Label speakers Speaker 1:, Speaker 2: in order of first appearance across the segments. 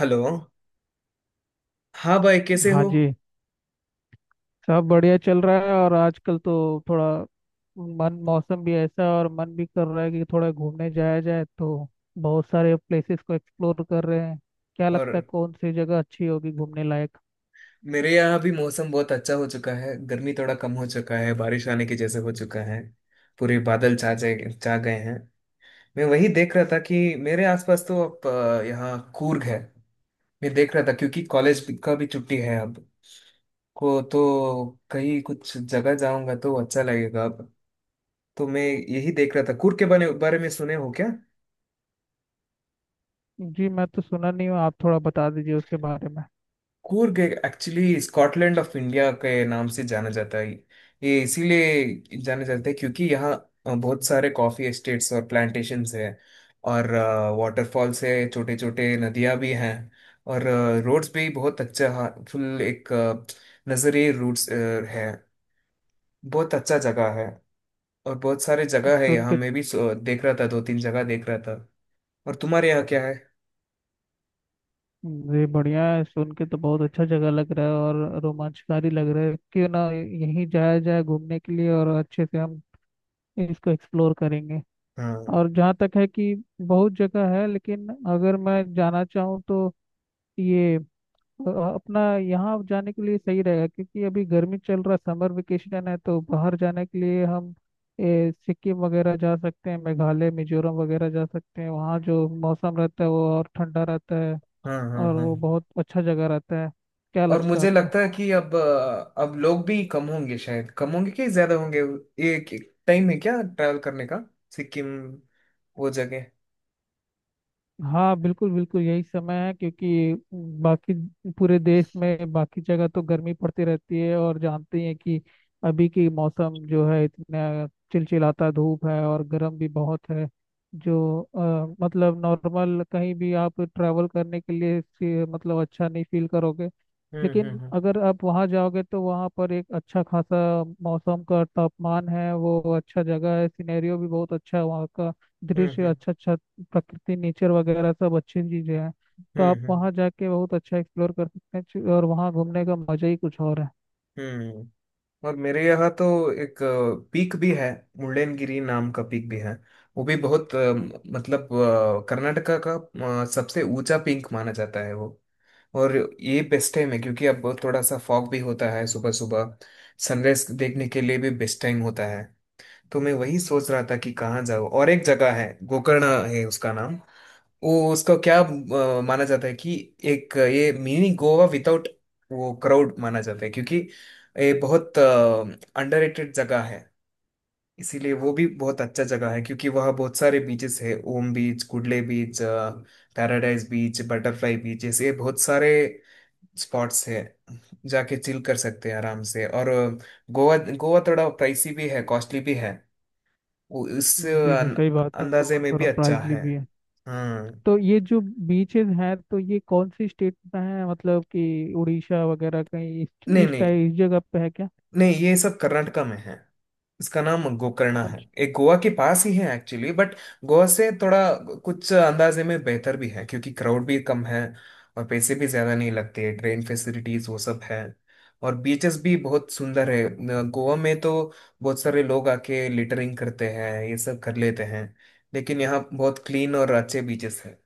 Speaker 1: Hello. हाँ भाई, कैसे
Speaker 2: हाँ
Speaker 1: हो?
Speaker 2: जी, सब बढ़िया चल रहा है। और आजकल तो थोड़ा मन, मौसम भी ऐसा है और मन भी कर रहा है कि थोड़ा घूमने जाया जाए, तो बहुत सारे प्लेसेस को एक्सप्लोर कर रहे हैं। क्या
Speaker 1: और
Speaker 2: लगता है कौन सी जगह अच्छी होगी घूमने लायक।
Speaker 1: मेरे यहाँ भी मौसम बहुत अच्छा हो चुका है। गर्मी थोड़ा कम हो चुका है, बारिश आने के जैसे हो चुका है। पूरे बादल छा गए हैं। मैं वही देख रहा था कि मेरे आसपास तो अब, यहाँ कूर्ग है। मैं देख रहा था क्योंकि कॉलेज का भी छुट्टी है अब। को तो कहीं कुछ जगह जाऊंगा तो अच्छा लगेगा अब। तो मैं यही देख रहा था। कूर्ग के बारे बारे में सुने हो क्या?
Speaker 2: जी, मैं तो सुना नहीं हूँ, आप थोड़ा बता दीजिए उसके बारे में।
Speaker 1: Coorg actually Scotland of India के नाम से जाना जाता है। ये इसीलिए जाना जाता है क्योंकि यहाँ बहुत सारे कॉफी एस्टेट्स और प्लांटेशंस हैं। और वाटरफॉल्स है, छोटे छोटे नदियाँ भी हैं। और रोड्स भी बहुत अच्छा फुल, एक नजरे रूट्स है। बहुत अच्छा जगह है। और बहुत सारे जगह है
Speaker 2: सुन
Speaker 1: यहाँ,
Speaker 2: के।
Speaker 1: मैं भी देख रहा था, दो तीन जगह देख रहा था। और तुम्हारे यहाँ क्या है?
Speaker 2: जी बढ़िया है, सुन के तो बहुत अच्छा जगह लग रहा है और रोमांचकारी लग रहा है। क्यों ना यहीं जाया जाए घूमने के लिए, और अच्छे से हम इसको एक्सप्लोर करेंगे।
Speaker 1: हाँ,
Speaker 2: और जहाँ तक है कि बहुत जगह है, लेकिन अगर मैं जाना चाहूँ तो ये अपना यहाँ जाने के लिए सही रहेगा। क्योंकि अभी गर्मी चल रहा, समर वेकेशन है, तो बाहर जाने के लिए हम सिक्किम वगैरह जा सकते हैं, मेघालय, मिजोरम वगैरह जा सकते हैं। वहाँ जो मौसम रहता है वो और ठंडा रहता है,
Speaker 1: हाँ, हाँ,
Speaker 2: और
Speaker 1: हाँ।
Speaker 2: वो बहुत अच्छा जगह रहता है। क्या
Speaker 1: और
Speaker 2: लगता है
Speaker 1: मुझे
Speaker 2: आपको।
Speaker 1: लगता है कि अब लोग भी कम होंगे, शायद कम होंगे कि ज्यादा होंगे। एक एक टाइम है क्या ट्रैवल करने का? सिक्किम, वो जगह।
Speaker 2: हाँ, बिल्कुल बिल्कुल यही समय है क्योंकि बाकी पूरे देश में बाकी जगह तो गर्मी पड़ती रहती है, और जानते ही हैं कि अभी की मौसम जो है इतना चिलचिलाता धूप है और गर्म भी बहुत है। जो मतलब नॉर्मल कहीं भी आप ट्रैवल करने के लिए मतलब अच्छा नहीं फील करोगे।
Speaker 1: हम्म,
Speaker 2: लेकिन
Speaker 1: हम्म,
Speaker 2: अगर आप वहाँ जाओगे तो वहाँ पर एक अच्छा खासा मौसम का तापमान है, वो अच्छा जगह है, सिनेरियो भी बहुत अच्छा है वहाँ का।
Speaker 1: हम्म,
Speaker 2: दृश्य
Speaker 1: हम्म,
Speaker 2: अच्छा अच्छा प्रकृति, नेचर वगैरह सब अच्छी चीजें हैं। तो आप
Speaker 1: हम्म,
Speaker 2: वहाँ जाके बहुत अच्छा एक्सप्लोर कर सकते हैं। और वहाँ घूमने का मजा ही कुछ और है।
Speaker 1: हम्म, और मेरे यहाँ तो एक पीक भी है, मुल्लेनगिरी नाम का पीक भी है। वो भी बहुत मतलब, कर्नाटका का सबसे ऊंचा पीक माना जाता है वो। और ये बेस्ट टाइम है क्योंकि अब थोड़ा सा फॉग भी होता है सुबह सुबह। सनराइज देखने के लिए भी बेस्ट टाइम होता है। तो मैं वही सोच रहा था कि कहाँ जाऊँ। और एक जगह है, गोकर्ण है उसका नाम। वो उसको क्या माना जाता है कि एक ये मिनी गोवा विदाउट वो क्राउड माना जाता है क्योंकि ये बहुत अंडररेटेड जगह है। इसीलिए वो भी बहुत अच्छा जगह है क्योंकि वहाँ बहुत सारे बीचेस है — ओम beach, Kudle beach, paradise beach, butterfly beach, ऐसे बहुत सारे स्पॉट्स है। जाके चिल कर सकते हैं आराम से। और गोवा गोवा थोड़ा प्राइसी भी है, कॉस्टली भी है। वो इस
Speaker 2: जी जी सही बात है, तो
Speaker 1: अंदाजे
Speaker 2: वहाँ
Speaker 1: में भी
Speaker 2: थोड़ा
Speaker 1: अच्छा
Speaker 2: प्राइजली
Speaker 1: है।
Speaker 2: भी है।
Speaker 1: हम्म।
Speaker 2: तो ये जो बीचेस हैं, तो ये कौन सी स्टेट में है, मतलब कि उड़ीसा वगैरह कहीं इस
Speaker 1: नहीं,
Speaker 2: इस
Speaker 1: नहीं,
Speaker 2: टाइप इस जगह पे है क्या।
Speaker 1: नहीं, ये सब कर्नाटका में है। इसका नाम गोकर्णा है,
Speaker 2: अच्छा।
Speaker 1: एक गोवा के पास ही है एक्चुअली, बट गोवा से थोड़ा कुछ अंदाजे में बेहतर भी है क्योंकि क्राउड भी कम है। और पैसे भी ज्यादा नहीं लगते, ट्रेन फैसिलिटीज वो सब है। और बीचेस भी बहुत सुंदर है। गोवा में तो बहुत सारे लोग आके लिटरिंग करते हैं, ये सब कर लेते हैं। लेकिन यहाँ बहुत क्लीन और अच्छे बीचेस हैं।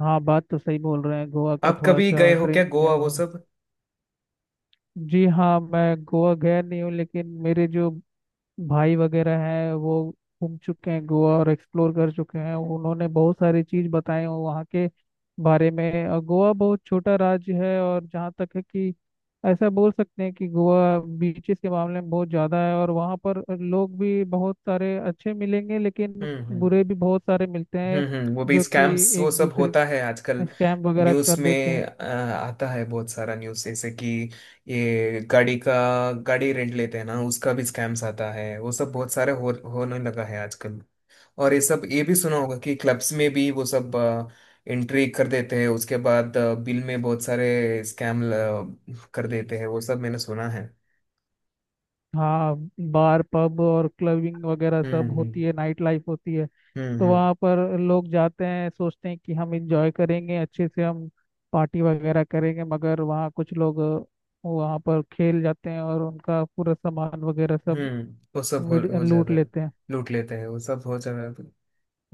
Speaker 2: हाँ बात तो सही बोल रहे हैं, गोवा का
Speaker 1: आप
Speaker 2: थोड़ा
Speaker 1: कभी
Speaker 2: सा
Speaker 1: गए हो क्या,
Speaker 2: ड्रिंक एंड
Speaker 1: गोवा वो
Speaker 2: वो।
Speaker 1: सब?
Speaker 2: जी हाँ, मैं गोवा गया नहीं हूँ, लेकिन मेरे जो भाई वगैरह हैं वो घूम चुके हैं गोवा और एक्सप्लोर कर चुके हैं। उन्होंने बहुत सारी चीज बताई हैं वहाँ के बारे में। और गोवा बहुत छोटा राज्य है, और जहाँ तक है कि ऐसा बोल सकते हैं कि गोवा बीचेस के मामले में बहुत ज़्यादा है और वहाँ पर लोग भी बहुत सारे अच्छे मिलेंगे, लेकिन
Speaker 1: हम्म, हम्म,
Speaker 2: बुरे भी बहुत सारे मिलते हैं
Speaker 1: हम्म, वो भी
Speaker 2: जो कि
Speaker 1: स्कैम्स वो
Speaker 2: एक
Speaker 1: सब
Speaker 2: दूसरे
Speaker 1: होता है आजकल।
Speaker 2: स्कैम वगैरह
Speaker 1: न्यूज़
Speaker 2: कर देते हैं।
Speaker 1: में आता है बहुत सारा न्यूज़, जैसे कि ये गाड़ी का गाड़ी रेंट लेते हैं ना, उसका भी स्कैम्स आता है, वो सब बहुत सारे हो होने लगा है आजकल। और ये सब ये भी सुना होगा कि क्लब्स में भी वो सब एंट्री कर देते हैं, उसके बाद बिल में बहुत सारे स्कैम कर देते हैं, वो सब मैंने सुना है।
Speaker 2: हाँ, बार, पब और क्लबिंग वगैरह
Speaker 1: हम्म,
Speaker 2: सब
Speaker 1: हम्म,
Speaker 2: होती है, नाइट लाइफ होती है।
Speaker 1: हम्म,
Speaker 2: तो
Speaker 1: हम्म,
Speaker 2: वहाँ पर लोग जाते हैं, सोचते हैं कि हम इंजॉय करेंगे अच्छे से, हम पार्टी वगैरह करेंगे। मगर वहाँ कुछ लोग वहाँ पर खेल जाते हैं और उनका पूरा सामान वगैरह सब
Speaker 1: वो सब हो, हो
Speaker 2: लूट
Speaker 1: जाता है।
Speaker 2: लेते हैं।
Speaker 1: लूट लेते हैं, वो सब हो जाता है।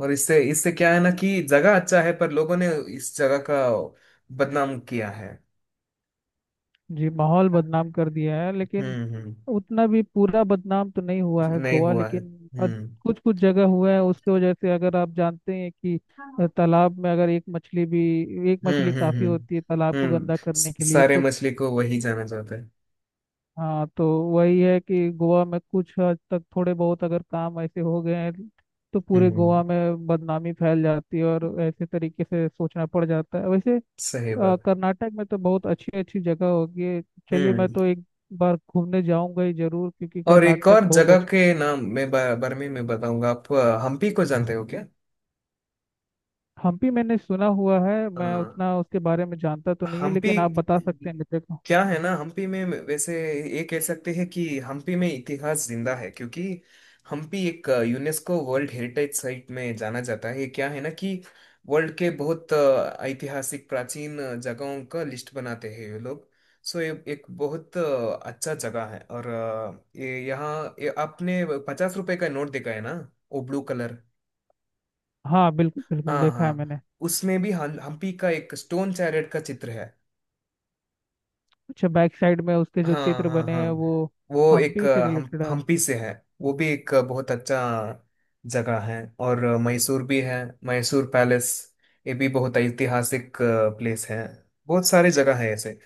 Speaker 1: और इससे इससे क्या है ना कि जगह अच्छा है, पर लोगों ने इस जगह का बदनाम किया है।
Speaker 2: जी, माहौल बदनाम कर दिया है, लेकिन
Speaker 1: हम्म, हम्म।
Speaker 2: उतना भी पूरा बदनाम तो नहीं हुआ है
Speaker 1: नहीं
Speaker 2: गोवा।
Speaker 1: हुआ है।
Speaker 2: लेकिन
Speaker 1: हम्म,
Speaker 2: कुछ कुछ जगह हुआ है, उसकी वजह से अगर आप जानते हैं कि तालाब में अगर एक मछली भी, एक
Speaker 1: हम्म,
Speaker 2: मछली
Speaker 1: हम्म,
Speaker 2: काफी
Speaker 1: हम्म,
Speaker 2: होती है तालाब को गंदा करने के लिए।
Speaker 1: सारे
Speaker 2: तो
Speaker 1: मछली को वही जाना जाता है।
Speaker 2: हाँ, तो वही है कि गोवा में कुछ हद तक थोड़े बहुत अगर काम ऐसे हो गए हैं तो पूरे
Speaker 1: हम्म,
Speaker 2: गोवा में बदनामी फैल जाती है, और ऐसे तरीके से सोचना पड़ जाता है वैसे।
Speaker 1: सही बात।
Speaker 2: कर्नाटक में तो बहुत अच्छी अच्छी जगह होगी है। चलिए, मैं
Speaker 1: हम्म।
Speaker 2: तो एक बार घूमने जाऊंगा ही जरूर क्योंकि
Speaker 1: और एक
Speaker 2: कर्नाटक
Speaker 1: और
Speaker 2: बहुत
Speaker 1: जगह
Speaker 2: अच्छा।
Speaker 1: के नाम मैं बारे में मैं बताऊंगा। आप हम्पी को जानते हो क्या?
Speaker 2: हम्पी मैंने सुना हुआ है, मैं
Speaker 1: हाँ।
Speaker 2: उतना उसके बारे में जानता तो नहीं हूँ,
Speaker 1: हम्पी।
Speaker 2: लेकिन आप बता सकते हैं मुझे को।
Speaker 1: क्या है ना, हम्पी में वैसे ये कह सकते हैं कि हम्पी में इतिहास जिंदा है क्योंकि हम्पी एक यूनेस्को वर्ल्ड हेरिटेज साइट में जाना जाता है। ये क्या है ना कि वर्ल्ड के बहुत ऐतिहासिक प्राचीन जगहों का लिस्ट बनाते हैं ये लोग। सो ये एक बहुत अच्छा जगह है। और ये यहाँ, ये आपने 50 रुपए का नोट देखा है ना? वो ब्लू कलर।
Speaker 2: हाँ बिल्कुल बिल्कुल,
Speaker 1: हाँ,
Speaker 2: देखा है
Speaker 1: हाँ।
Speaker 2: मैंने।
Speaker 1: उसमें भी हम्पी का एक स्टोन चैरेट का चित्र है।
Speaker 2: अच्छा, बैक साइड में उसके जो
Speaker 1: हाँ,
Speaker 2: चित्र
Speaker 1: हाँ,
Speaker 2: बने हैं वो
Speaker 1: हाँ। वो एक
Speaker 2: हम्पी से
Speaker 1: हम
Speaker 2: रिलेटेड है।
Speaker 1: हम्पी से है। वो भी एक बहुत अच्छा जगह है। और मैसूर भी है, मैसूर पैलेस। ये भी बहुत ऐतिहासिक प्लेस है। बहुत सारे जगह है ऐसे।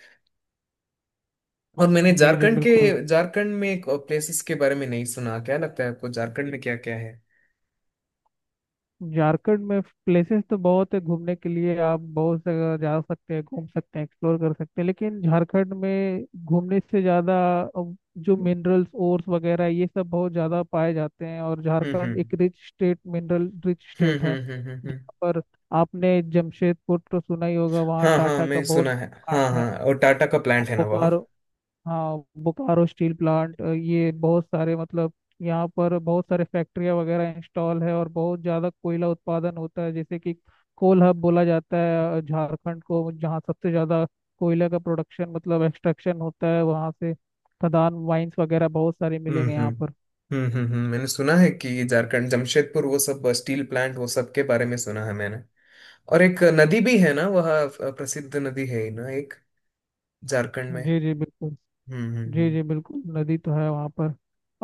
Speaker 1: और मैंने
Speaker 2: जी जी बिल्कुल।
Speaker 1: झारखंड में एक प्लेसेस के बारे में नहीं सुना। क्या लगता है आपको, झारखंड में क्या क्या है?
Speaker 2: झारखंड में प्लेसेस तो बहुत है, घूमने के लिए आप बहुत जगह जा सकते हैं, घूम सकते हैं, एक्सप्लोर कर सकते हैं। लेकिन झारखंड में घूमने से ज़्यादा अब जो मिनरल्स, ओर्स वगैरह ये सब बहुत ज़्यादा पाए जाते हैं, और
Speaker 1: हम्म,
Speaker 2: झारखंड
Speaker 1: हम्म,
Speaker 2: एक rich state, mineral rich
Speaker 1: hmm,
Speaker 2: state है।
Speaker 1: हम्म, हम्म, हम्म,
Speaker 2: जहाँ पर आपने जमशेदपुर तो सुना ही होगा, वहाँ
Speaker 1: हाँ, हाँ,
Speaker 2: टाटा का
Speaker 1: मैं
Speaker 2: बहुत
Speaker 1: सुना है, हाँ,
Speaker 2: प्लांट है।
Speaker 1: हाँ, और टाटा का प्लांट है ना वहाँ।
Speaker 2: बोकारो। हाँ, बोकारो स्टील प्लांट। ये बहुत सारे मतलब यहाँ पर बहुत सारे फैक्ट्रियाँ वगैरह इंस्टॉल है और बहुत ज़्यादा कोयला उत्पादन होता है, जैसे कि कोल हब बोला जाता है झारखंड को, जहाँ सबसे ज़्यादा कोयला का प्रोडक्शन, मतलब एक्सट्रैक्शन होता है वहाँ से। खदान, माइंस वगैरह बहुत सारे
Speaker 1: हम्म,
Speaker 2: मिलेंगे
Speaker 1: हम्म,
Speaker 2: यहाँ पर।
Speaker 1: हम्म, हम्म, मैंने सुना है कि झारखंड, जमशेदपुर वो सब, स्टील प्लांट वो सब के बारे में सुना है मैंने। और एक नदी भी है ना वह, प्रसिद्ध नदी है ही ना एक, झारखंड में।
Speaker 2: जी जी बिल्कुल।
Speaker 1: हम्म,
Speaker 2: जी
Speaker 1: हम्म,
Speaker 2: जी बिल्कुल, नदी तो है वहाँ पर।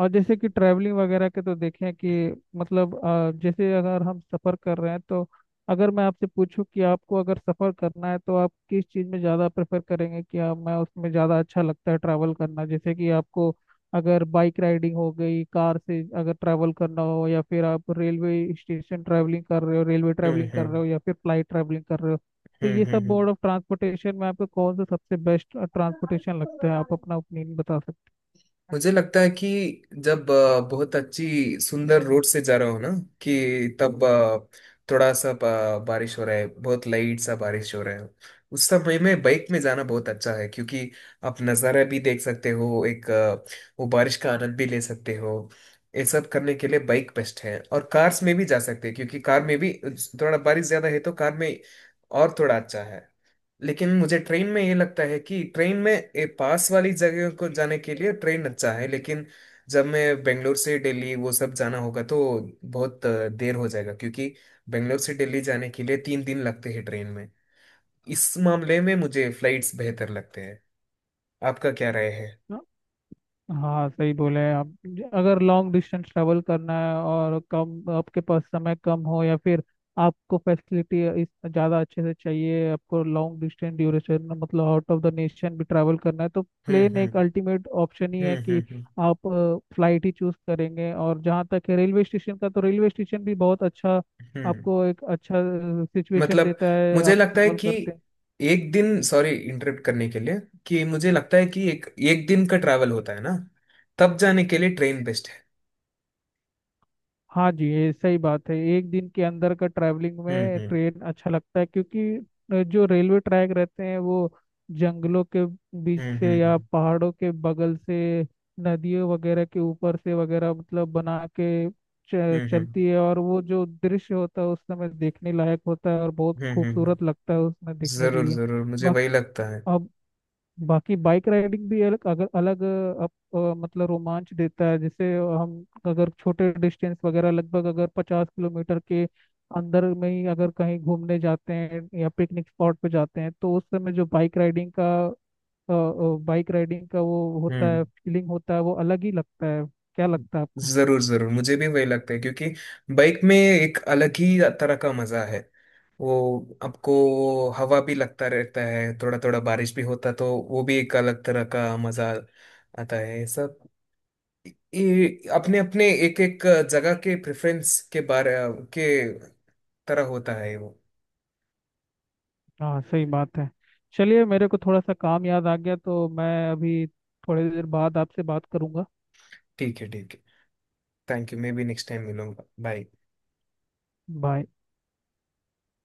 Speaker 2: और जैसे कि ट्रैवलिंग वगैरह के तो देखें कि मतलब जैसे अगर हम सफ़र कर रहे हैं तो अगर मैं आपसे पूछूं कि आपको अगर सफ़र करना है तो आप किस चीज़ में ज़्यादा प्रेफर करेंगे, कि आप, मैं उसमें ज़्यादा अच्छा लगता है ट्रैवल करना, जैसे कि आपको अगर बाइक राइडिंग हो गई, कार से अगर ट्रैवल करना हो, या फिर आप रेलवे स्टेशन ट्रैवलिंग कर रहे हो, रेलवे
Speaker 1: हम्म,
Speaker 2: ट्रैवलिंग कर
Speaker 1: हम्म,
Speaker 2: रहे हो, या फिर फ्लाइट ट्रैवलिंग कर रहे हो। तो
Speaker 1: हम्म,
Speaker 2: ये
Speaker 1: हम्म,
Speaker 2: सब
Speaker 1: हम्म,
Speaker 2: मोड ऑफ ट्रांसपोर्टेशन में आपको कौन सा सबसे बेस्ट ट्रांसपोर्टेशन लगता है, आप अपना ओपिनियन बता सकते
Speaker 1: मुझे लगता है कि जब बहुत अच्छी सुंदर रोड से जा रहा हो ना, कि तब थोड़ा सा बारिश हो रहा है, बहुत लाइट सा बारिश हो रहा है, उस समय में बाइक में जाना बहुत अच्छा है क्योंकि आप नज़ारा भी देख सकते हो एक, वो बारिश का आनंद भी ले सकते हो। ये सब करने के लिए बाइक बेस्ट है। और कार्स में भी जा सकते हैं क्योंकि कार में भी थोड़ा बारिश ज्यादा है तो कार में और थोड़ा अच्छा है। लेकिन मुझे ट्रेन में ये लगता है कि ट्रेन में पास वाली जगह को जाने के लिए ट्रेन अच्छा है, लेकिन जब मैं बेंगलोर से दिल्ली वो सब जाना होगा तो बहुत देर हो जाएगा क्योंकि बेंगलोर से दिल्ली जाने के लिए 3 दिन लगते हैं ट्रेन में। इस मामले में मुझे फ्लाइट्स बेहतर लगते हैं। आपका क्या राय है?
Speaker 2: हैं। हाँ सही बोले आप। अगर लॉन्ग डिस्टेंस ट्रेवल करना है और कम, आपके पास समय कम हो, या फिर आपको फैसिलिटी इस ज़्यादा अच्छे से चाहिए, आपको लॉन्ग डिस्टेंस ड्यूरेशन मतलब आउट ऑफ द नेशन भी ट्रैवल करना है, तो
Speaker 1: हम्म,
Speaker 2: प्लेन
Speaker 1: हम्म,
Speaker 2: एक अल्टीमेट ऑप्शन ही
Speaker 1: हम्म,
Speaker 2: है कि
Speaker 1: हम्म, हम्म,
Speaker 2: आप फ्लाइट ही चूज करेंगे। और जहाँ तक है रेलवे स्टेशन का, तो रेलवे स्टेशन भी बहुत अच्छा
Speaker 1: हम्म।
Speaker 2: आपको एक अच्छा सिचुएशन
Speaker 1: मतलब,
Speaker 2: देता है,
Speaker 1: मुझे
Speaker 2: आप
Speaker 1: लगता है
Speaker 2: ट्रैवल
Speaker 1: कि
Speaker 2: करते हैं।
Speaker 1: एक दिन, सॉरी इंटरप्ट करने के लिए, कि मुझे लगता है कि एक एक दिन का ट्रैवल होता है ना, तब जाने के लिए ट्रेन बेस्ट है।
Speaker 2: हाँ जी, ये सही बात है। एक दिन के अंदर का ट्रैवलिंग
Speaker 1: हम्म,
Speaker 2: में
Speaker 1: हम्म,
Speaker 2: ट्रेन अच्छा लगता है, क्योंकि जो रेलवे ट्रैक रहते हैं वो जंगलों के बीच
Speaker 1: हम्म,
Speaker 2: से
Speaker 1: हम्म,
Speaker 2: या
Speaker 1: हम्म,
Speaker 2: पहाड़ों के बगल से, नदियों वगैरह के ऊपर से वगैरह, मतलब बना के
Speaker 1: हम्म,
Speaker 2: चलती है, और वो जो दृश्य होता है उस समय देखने लायक होता है और बहुत
Speaker 1: हम्म, हम्म, हम्म,
Speaker 2: खूबसूरत लगता है उसमें देखने के
Speaker 1: जरूर
Speaker 2: लिए।
Speaker 1: जरूर मुझे वही
Speaker 2: बाकी
Speaker 1: लगता है।
Speaker 2: अब बाकी बाइक राइडिंग भी अलग, अगर अलग मतलब रोमांच देता है। जैसे हम अगर छोटे डिस्टेंस वगैरह, लगभग अगर 50 किलोमीटर के अंदर में ही अगर कहीं घूमने जाते हैं या पिकनिक स्पॉट पे जाते हैं, तो उस समय जो बाइक राइडिंग का वो होता
Speaker 1: हम्म,
Speaker 2: है, फीलिंग होता है, वो अलग ही लगता है। क्या लगता है आपको।
Speaker 1: जरूर जरूर मुझे भी वही लगता है क्योंकि बाइक में एक अलग ही तरह का मजा है। वो, आपको हवा भी लगता रहता है, थोड़ा थोड़ा बारिश भी होता तो वो भी एक अलग तरह का मजा आता है, ये सब। ये अपने अपने एक एक जगह के प्रेफरेंस के बारे के तरह होता है वो।
Speaker 2: हाँ सही बात है। चलिए, मेरे को थोड़ा सा काम याद आ गया तो मैं अभी थोड़ी देर बाद आपसे बात करूंगा।
Speaker 1: ठीक है, ठीक है। Thank you. मैं भी नेक्स्ट टाइम मिलूंगा। बाय।
Speaker 2: बाय।